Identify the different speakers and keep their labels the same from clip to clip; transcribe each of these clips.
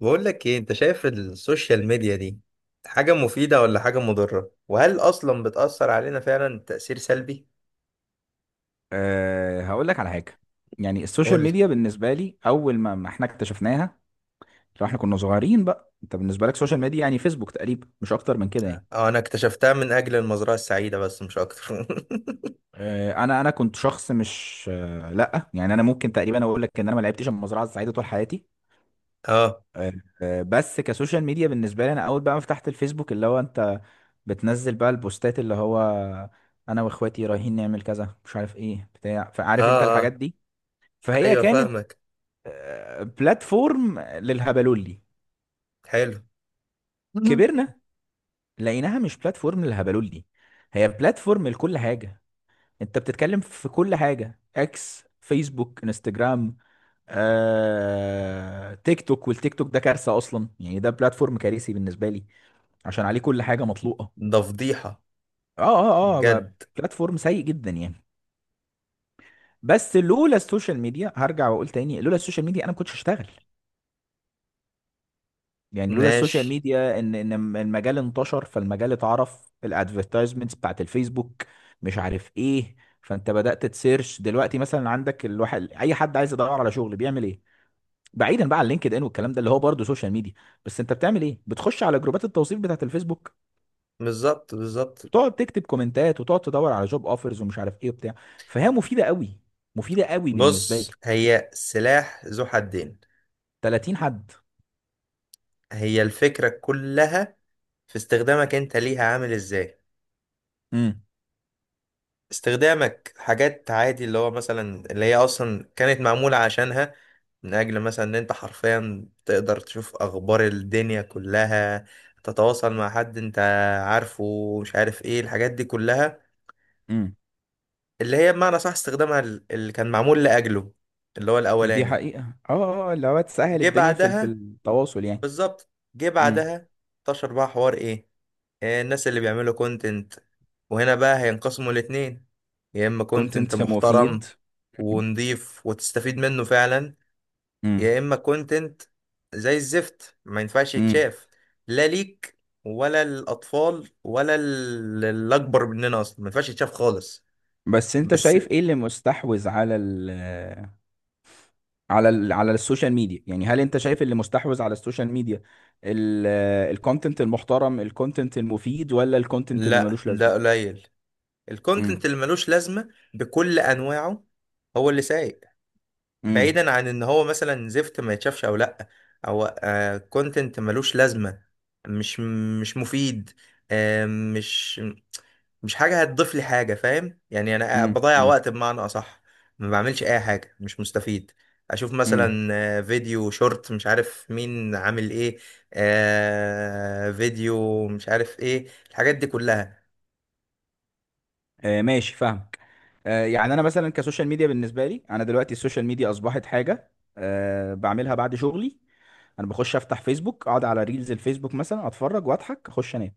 Speaker 1: بقول لك ايه؟ انت شايف السوشيال ميديا دي حاجة مفيدة ولا حاجة مضرة؟ وهل اصلا بتأثر علينا فعلا تأثير سلبي؟
Speaker 2: هقول لك على حاجة. يعني السوشيال
Speaker 1: قول لي.
Speaker 2: ميديا بالنسبة لي، أول ما احنا اكتشفناها، لو احنا كنا صغيرين، بقى انت بالنسبة لك سوشيال ميديا يعني فيسبوك، تقريبا مش أكتر من كده يعني.
Speaker 1: اه انا اكتشفتها من اجل المزرعة السعيدة بس مش اكتر
Speaker 2: أنا كنت شخص مش، لأ، يعني أنا ممكن تقريبا أقول لك إن أنا ما لعبتش المزرعة السعيدة طول حياتي
Speaker 1: اه
Speaker 2: أه بس كسوشيال ميديا بالنسبة لي، أنا أول بقى ما فتحت الفيسبوك، اللي هو أنت بتنزل بقى البوستات، اللي هو أنا وإخواتي رايحين نعمل كذا مش عارف إيه بتاع،
Speaker 1: اه
Speaker 2: فعارف أنت الحاجات
Speaker 1: اه
Speaker 2: دي، فهي
Speaker 1: ايوه
Speaker 2: كانت
Speaker 1: فاهمك.
Speaker 2: بلاتفورم للهبلولي.
Speaker 1: حلو.
Speaker 2: كبرنا لقيناها مش بلاتفورم للهبلولي، هي بلاتفورم لكل حاجة. انت بتتكلم في كل حاجة، اكس، فيسبوك، انستجرام، تيك توك. والتيك توك ده كارثة اصلا يعني، ده بلاتفورم كارثي بالنسبة لي عشان عليه كل حاجة مطلوقة.
Speaker 1: ده فضيحة.
Speaker 2: اه، اه، اه،
Speaker 1: بجد.
Speaker 2: بلاتفورم سيء جدا يعني. بس لولا السوشيال ميديا، هرجع واقول تاني، لولا السوشيال ميديا انا ما كنتش هشتغل. يعني لولا السوشيال
Speaker 1: ماشي.
Speaker 2: ميديا ان المجال انتشر، فالمجال اتعرف، الادفرتايزمنتس بتاعت الفيسبوك مش عارف ايه. فانت بدأت تسيرش دلوقتي مثلا، عندك الواحد اي حد عايز يدور على شغل بيعمل ايه؟ بعيدا بقى عن لينكد ان والكلام ده اللي هو برضه سوشيال ميديا. بس انت بتعمل ايه؟ بتخش على جروبات التوظيف بتاعت الفيسبوك،
Speaker 1: بالظبط.
Speaker 2: وتقعد تكتب كومنتات وتقعد تدور على جوب اوفرز ومش عارف ايه وبتاع. فهي مفيدة قوي، مفيدة قوي بالنسبة لي.
Speaker 1: بص، هي سلاح ذو حدين.
Speaker 2: 30 حد.
Speaker 1: هي الفكرة كلها في استخدامك انت ليها عامل ازاي.
Speaker 2: امم،
Speaker 1: استخدامك حاجات عادي، اللي هو مثلا اللي هي اصلا كانت معمولة عشانها، من اجل مثلا ان انت حرفيا تقدر تشوف اخبار الدنيا كلها، تتواصل مع حد انت عارفه، مش عارف ايه الحاجات دي كلها،
Speaker 2: امم.
Speaker 1: اللي هي بمعنى صح استخدامها اللي كان معمول لاجله، اللي هو
Speaker 2: دي
Speaker 1: الاولاني.
Speaker 2: حقيقة، اه، اه، اللي هو تسهل
Speaker 1: جه
Speaker 2: الدنيا في
Speaker 1: بعدها،
Speaker 2: التواصل يعني.
Speaker 1: بالظبط جه
Speaker 2: مم.
Speaker 1: بعدها. انتشر بقى حوار ايه؟ الناس اللي بيعملوا كونتنت، وهنا بقى هينقسموا الاتنين. يا اما
Speaker 2: كنت
Speaker 1: كونتنت
Speaker 2: انت مفيد.
Speaker 1: محترم ونضيف وتستفيد منه فعلا،
Speaker 2: امم،
Speaker 1: يا اما كونتنت زي الزفت ما ينفعش
Speaker 2: امم.
Speaker 1: يتشاف، لا ليك ولا الاطفال ولا الاكبر مننا اصلا ما ينفعش يتشاف خالص.
Speaker 2: بس انت
Speaker 1: بس.
Speaker 2: شايف ايه اللي مستحوذ على السوشيال ميديا؟ يعني هل انت شايف اللي مستحوذ على السوشيال ميديا الكونتنت المحترم، الكونتنت المفيد، ولا الكونتنت اللي
Speaker 1: لا،
Speaker 2: ملوش لازمه؟
Speaker 1: ده قليل. الكونتنت
Speaker 2: امم،
Speaker 1: اللي ملوش لازمة بكل انواعه هو اللي سايق.
Speaker 2: امم،
Speaker 1: بعيدا عن ان هو مثلا زفت ما يتشافش او لا، او كونتنت ملوش لازمه، مش مش مفيد. آه، مش مش حاجه هتضيف لي حاجه، فاهم يعني؟ انا
Speaker 2: امم،
Speaker 1: بضيع
Speaker 2: امم،
Speaker 1: وقت بمعنى اصح، ما بعملش اي حاجه، مش مستفيد. اشوف
Speaker 2: امم.
Speaker 1: مثلا فيديو شورت مش عارف مين عامل ايه، فيديو مش عارف ايه، الحاجات دي كلها.
Speaker 2: آه، ماشي فاهمك. يعني انا مثلا كسوشيال ميديا بالنسبه لي، انا دلوقتي السوشيال ميديا اصبحت حاجه بعملها بعد شغلي. انا بخش افتح فيسبوك، اقعد على ريلز الفيسبوك مثلا اتفرج واضحك اخش انام.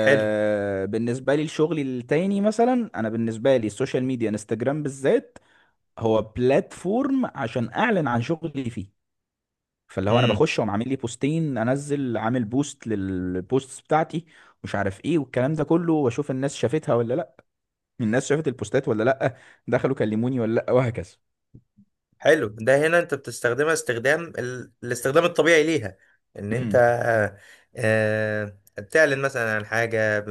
Speaker 1: حلو.
Speaker 2: بالنسبة لي الشغل التاني، مثلا أنا بالنسبة لي السوشيال ميديا انستجرام بالذات هو بلاتفورم عشان أعلن عن شغلي فيه. فاللي هو أنا بخش وأقوم عامل لي بوستين، أنزل عامل بوست للبوستس بتاعتي مش عارف إيه والكلام ده كله، وأشوف الناس شافتها ولا لأ. الناس شافت البوستات ولا لأ؟ دخلوا كلموني ولا لأ؟ وهكذا.
Speaker 1: حلو، ده هنا انت بتستخدمها استخدام الاستخدام الطبيعي ليها. ان انت
Speaker 2: امم،
Speaker 1: بتعلن مثلا عن حاجة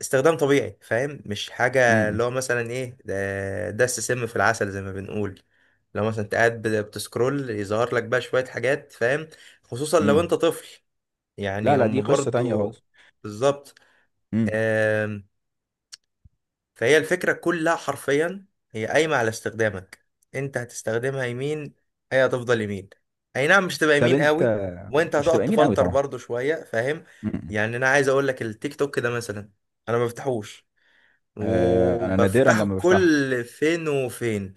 Speaker 1: استخدام طبيعي، فاهم؟ مش حاجة اللي
Speaker 2: امم،
Speaker 1: هو مثلا ايه ده، دس سم في العسل زي ما بنقول. لو مثلا انت قاعد بتسكرول يظهر لك بقى شوية حاجات فاهم، خصوصا لو
Speaker 2: امم.
Speaker 1: انت طفل.
Speaker 2: لا،
Speaker 1: يعني
Speaker 2: لا، دي
Speaker 1: هم
Speaker 2: قصة تانية
Speaker 1: برضو.
Speaker 2: خالص.
Speaker 1: بالظبط.
Speaker 2: امم.
Speaker 1: فهي الفكرة كلها حرفيا، هي قايمة على استخدامك. انت هتستخدمها يمين، هي هتفضل يمين. اي نعم، مش هتبقى
Speaker 2: طب
Speaker 1: يمين
Speaker 2: أنت،
Speaker 1: قوي وانت
Speaker 2: مش
Speaker 1: هتقعد
Speaker 2: هتبقى يمين قوي
Speaker 1: تفلتر
Speaker 2: طبعا.
Speaker 1: برضو شوية، فاهم؟
Speaker 2: امم.
Speaker 1: يعني انا عايز اقول لك التيك توك ده مثلا انا ما بفتحوش،
Speaker 2: آه، أنا نادرا
Speaker 1: وبفتحه
Speaker 2: لما بفتحه.
Speaker 1: كل فين وفين.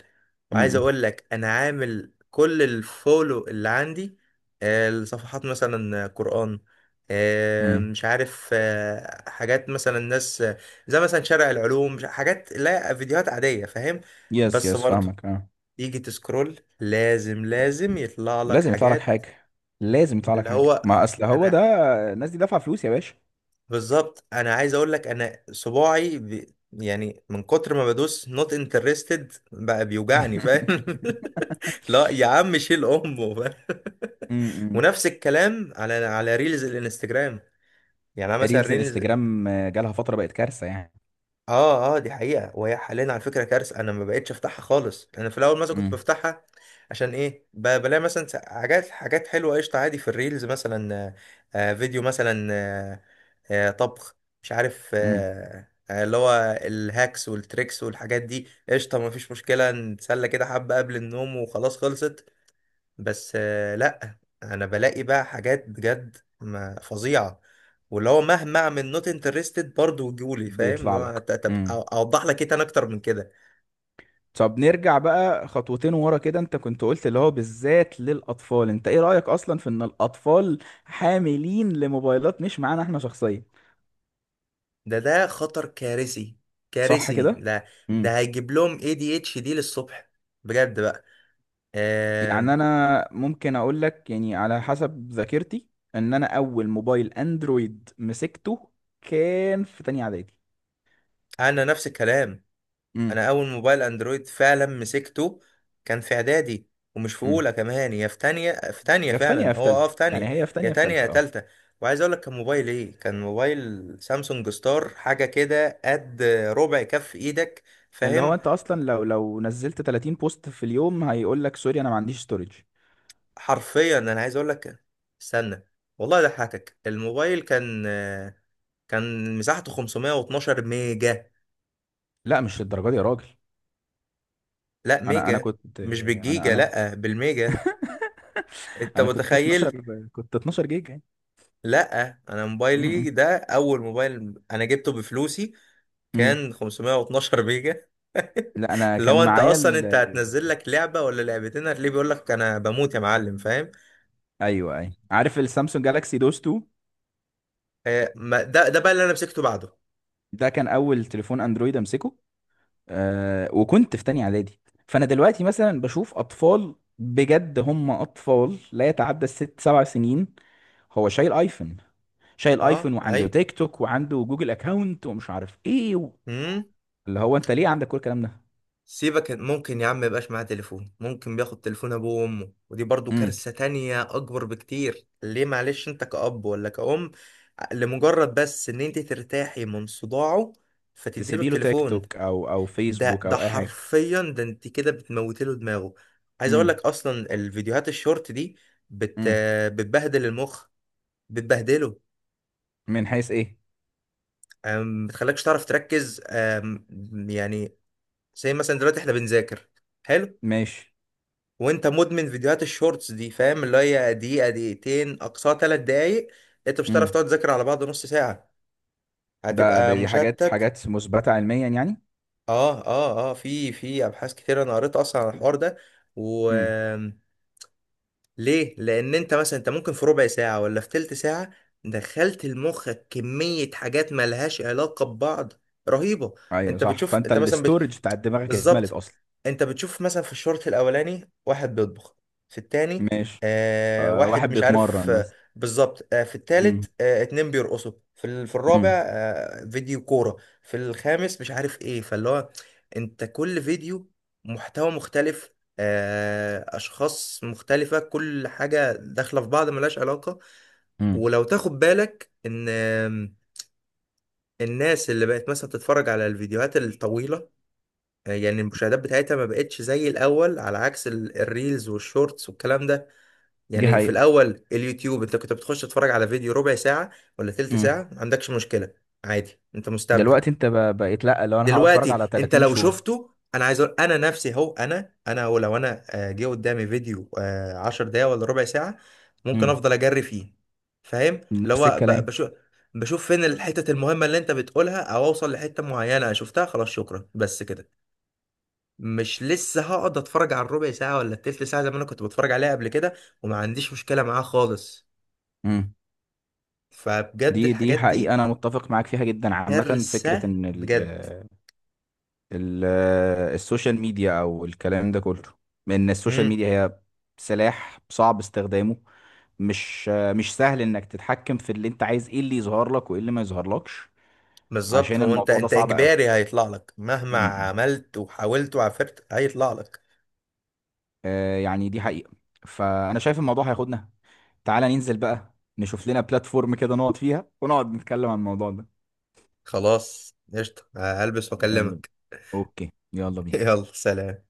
Speaker 1: وعايز اقول لك انا عامل كل الفولو اللي عندي الصفحات مثلا قرآن،
Speaker 2: امم.
Speaker 1: مش عارف حاجات مثلا ناس زي مثلا شارع العلوم، حاجات، لا، فيديوهات عادية فاهم.
Speaker 2: يس،
Speaker 1: بس
Speaker 2: يس،
Speaker 1: برضه
Speaker 2: فاهمك، اه.
Speaker 1: يجي تسكرول لازم يطلع لك
Speaker 2: لازم يطلع لك
Speaker 1: حاجات.
Speaker 2: حاجه، لازم يطلع لك
Speaker 1: اللي هو
Speaker 2: حاجه، ما اصل هو
Speaker 1: انا
Speaker 2: ده. الناس دي دافعه فلوس يا باشا.
Speaker 1: بالظبط، انا عايز اقول لك انا صباعي يعني من كتر ما بدوس نوت انترستد بقى بيوجعني فاهم. لا يا عم شيل امه فاهم.
Speaker 2: امم.
Speaker 1: ونفس الكلام على ريلز الانستجرام. يعني انا مثلا
Speaker 2: ريلز
Speaker 1: ريلز،
Speaker 2: الانستجرام، جالها فتره بقت كارثه يعني.
Speaker 1: اه، دي حقيقه. وهي حاليا على فكره كارثه، انا ما بقتش افتحها خالص. انا في الاول مثلا كنت
Speaker 2: امم،
Speaker 1: بفتحها، عشان ايه؟ بلاقي مثلا حاجات حلوه قشطه عادي في الريلز، مثلا فيديو مثلا طبخ، مش عارف
Speaker 2: امم.
Speaker 1: اللي هو الهاكس والتريكس والحاجات دي، قشطة مفيش مشكلة، نتسلى كده حبة قبل النوم وخلاص خلصت. بس لأ، أنا بلاقي بقى حاجات بجد فظيعة، واللي هو مهما أعمل نوت انترستد برضه يجولي فاهم، اللي
Speaker 2: بيطلع
Speaker 1: هو
Speaker 2: لك. امم.
Speaker 1: أوضح لك إيه تاني أكتر من كده؟
Speaker 2: طب نرجع بقى خطوتين ورا كده. انت كنت قلت اللي هو بالذات للاطفال، انت ايه رايك اصلا في ان الاطفال حاملين لموبايلات، مش معانا احنا شخصيا؟
Speaker 1: ده ده خطر كارثي،
Speaker 2: صح
Speaker 1: كارثي
Speaker 2: كده؟
Speaker 1: ده. ده هيجيب لهم اي دي اتش دي للصبح بجد بقى. آه،
Speaker 2: يعني انا ممكن اقول لك، يعني على حسب ذاكرتي، ان انا اول موبايل اندرويد مسكته كان في تانية اعدادي.
Speaker 1: أنا نفس الكلام،
Speaker 2: امم،
Speaker 1: انا اول موبايل اندرويد فعلا مسكته كان في اعدادي، ومش في
Speaker 2: امم.
Speaker 1: اولى كمان، يا في تانية، في تانية
Speaker 2: يا في تانية يا
Speaker 1: فعلا،
Speaker 2: في
Speaker 1: هو اه
Speaker 2: تالتة،
Speaker 1: في
Speaker 2: يعني
Speaker 1: تانية.
Speaker 2: هي في تانية
Speaker 1: يا
Speaker 2: يا في
Speaker 1: تانية يا
Speaker 2: تالتة اه.
Speaker 1: تالتة. وعايز اقول لك كان موبايل ايه؟ كان موبايل سامسونج ستار، حاجة كده قد ربع كف ايدك
Speaker 2: اللي هو
Speaker 1: فاهم.
Speaker 2: انت اصلا لو نزلت 30 بوست في اليوم، هيقول لك سوري انا ما عنديش ستورج.
Speaker 1: حرفيا انا عايز اقول لك، استنى، والله ضحكك، الموبايل كان مساحته 512 ميجا.
Speaker 2: لا، مش للدرجه دي يا راجل.
Speaker 1: لا
Speaker 2: انا
Speaker 1: ميجا،
Speaker 2: كنت،
Speaker 1: مش
Speaker 2: انا
Speaker 1: بالجيجا،
Speaker 2: انا
Speaker 1: لا بالميجا. انت
Speaker 2: انا كنت
Speaker 1: متخيل؟
Speaker 2: 12، كنت 12 جيجا يعني.
Speaker 1: لا انا موبايلي
Speaker 2: امم،
Speaker 1: ده اول موبايل انا جبته بفلوسي
Speaker 2: امم.
Speaker 1: كان 512 ميجا.
Speaker 2: لا، انا
Speaker 1: اللي
Speaker 2: كان
Speaker 1: هو انت
Speaker 2: معايا
Speaker 1: اصلا
Speaker 2: ال...
Speaker 1: انت هتنزل لك لعبه ولا لعبتين هتلاقيه بيقول لك انا بموت يا معلم فاهم.
Speaker 2: ايوه، اي، أيوة. عارف السامسونج جالاكسي دوس 2؟
Speaker 1: ده ده بقى اللي انا مسكته بعده.
Speaker 2: ده كان اول تليفون اندرويد امسكه. وكنت في تانية اعدادي. فانا دلوقتي مثلا بشوف اطفال، بجد هم اطفال لا يتعدى الست سبع سنين، هو شايل ايفون. شايل
Speaker 1: اه.
Speaker 2: ايفون
Speaker 1: اي.
Speaker 2: وعنده تيك توك وعنده جوجل اكاونت ومش عارف ايه و...
Speaker 1: امم.
Speaker 2: اللي هو انت ليه عندك كل الكلام ده؟
Speaker 1: سيبك، ممكن يا عم يبقاش معاه تليفون، ممكن بياخد تليفون ابوه وامه، ودي برضو
Speaker 2: امم.
Speaker 1: كارثه تانية اكبر بكتير. ليه معلش؟ انت كأب ولا كأم، لمجرد بس ان انت ترتاحي من صداعه فتديله
Speaker 2: تسيبي له تيك
Speaker 1: التليفون،
Speaker 2: توك او
Speaker 1: ده
Speaker 2: فيسبوك
Speaker 1: ده
Speaker 2: او اي حاجه.
Speaker 1: حرفيا، ده انت كده بتموتي له دماغه. عايز اقول لك
Speaker 2: امم،
Speaker 1: اصلا الفيديوهات الشورت دي بت
Speaker 2: امم.
Speaker 1: بتبهدل المخ، بتبهدله.
Speaker 2: من حيث ايه؟
Speaker 1: بتخليكش تعرف تركز. يعني زي مثلا دلوقتي احنا بنذاكر، حلو،
Speaker 2: ماشي.
Speaker 1: وانت مدمن فيديوهات الشورتس دي، فاهم اللي هي دقيقة دقيقتين اقصاها 3 دقايق، انت مش هتعرف
Speaker 2: امم.
Speaker 1: تقعد تذاكر على بعض نص ساعة،
Speaker 2: ده
Speaker 1: هتبقى
Speaker 2: ده دي حاجات
Speaker 1: مشتت.
Speaker 2: حاجات مثبته علميا يعني.
Speaker 1: اه، في ابحاث كتير انا قريت اصلا عن الحوار ده. و
Speaker 2: امم.
Speaker 1: ليه؟ لأن أنت مثلا أنت ممكن في ربع ساعة ولا في تلت ساعة دخلت لمخك كمية حاجات ملهاش علاقة ببعض رهيبة.
Speaker 2: ايوه
Speaker 1: أنت
Speaker 2: صح،
Speaker 1: بتشوف،
Speaker 2: فانت
Speaker 1: أنت مثلا
Speaker 2: الاستورج بتاع دماغك اتملت
Speaker 1: بالظبط.
Speaker 2: اصلا.
Speaker 1: أنت بتشوف مثلا في الشوط الأولاني واحد بيطبخ، في التاني
Speaker 2: ماشي.
Speaker 1: آه
Speaker 2: آه،
Speaker 1: واحد
Speaker 2: واحد
Speaker 1: مش
Speaker 2: بيتمرن
Speaker 1: عارف آه،
Speaker 2: مثلا.
Speaker 1: بالظبط، آه في
Speaker 2: امم،
Speaker 1: التالت آه اتنين بيرقصوا في, ال... في الرابع
Speaker 2: امم،
Speaker 1: آه فيديو كورة، في الخامس مش عارف إيه. فاللي هو أنت كل فيديو محتوى مختلف، اشخاص مختلفة، كل حاجة داخلة في بعض ملهاش علاقة.
Speaker 2: امم.
Speaker 1: ولو تاخد بالك ان الناس اللي بقت مثلا تتفرج على الفيديوهات الطويلة يعني المشاهدات بتاعتها ما بقتش زي الاول، على عكس الريلز والشورتس والكلام ده.
Speaker 2: دي
Speaker 1: يعني في
Speaker 2: حقيقة.
Speaker 1: الاول اليوتيوب انت كنت بتخش تتفرج على فيديو ربع ساعة ولا تلت
Speaker 2: امم.
Speaker 1: ساعة، ما عندكش مشكلة، عادي انت مستمتع.
Speaker 2: دلوقتي انت بقيت، لا، لو انا هقعد اتفرج
Speaker 1: دلوقتي
Speaker 2: على
Speaker 1: انت
Speaker 2: 30
Speaker 1: لو
Speaker 2: شورت.
Speaker 1: شفته، انا عايز اقول انا نفسي هو، انا انا هو لو انا جه قدامي فيديو 10 دقايق ولا ربع ساعة ممكن
Speaker 2: امم.
Speaker 1: افضل اجري فيه، فاهم اللي
Speaker 2: نفس
Speaker 1: هو
Speaker 2: الكلام.
Speaker 1: بشوف، بشوف فين الحتت المهمة اللي انت بتقولها، او اوصل لحتة معينة شفتها خلاص شكرا بس كده. مش لسه هقعد اتفرج على الربع ساعة ولا التلت ساعة زي ما انا كنت بتفرج عليها قبل كده، وما عنديش مشكلة معاه خالص.
Speaker 2: امم.
Speaker 1: فبجد
Speaker 2: دي
Speaker 1: الحاجات
Speaker 2: حقيقة،
Speaker 1: دي
Speaker 2: انا متفق معاك فيها جدا. عامة فكرة
Speaker 1: كارثة
Speaker 2: ان ال
Speaker 1: بجد.
Speaker 2: ال السوشيال ميديا او الكلام ده كله، ان السوشيال ميديا هي سلاح صعب استخدامه. مش سهل انك تتحكم في اللي انت عايز ايه اللي يظهر لك وايه اللي ما يظهرلكش،
Speaker 1: بالظبط،
Speaker 2: عشان
Speaker 1: هو انت
Speaker 2: الموضوع ده
Speaker 1: انت
Speaker 2: صعب
Speaker 1: اجباري هيطلع لك مهما
Speaker 2: قوي.
Speaker 1: عملت وحاولت وعفرت هيطلع لك.
Speaker 2: يعني دي حقيقة. فأنا شايف الموضوع هياخدنا، تعالى ننزل بقى نشوف لنا بلاتفورم كده نقعد فيها ونقعد نتكلم عن الموضوع ده.
Speaker 1: خلاص قشطة، هلبس
Speaker 2: يلا بينا.
Speaker 1: واكلمك.
Speaker 2: اوكي يلا بينا
Speaker 1: يلا سلام.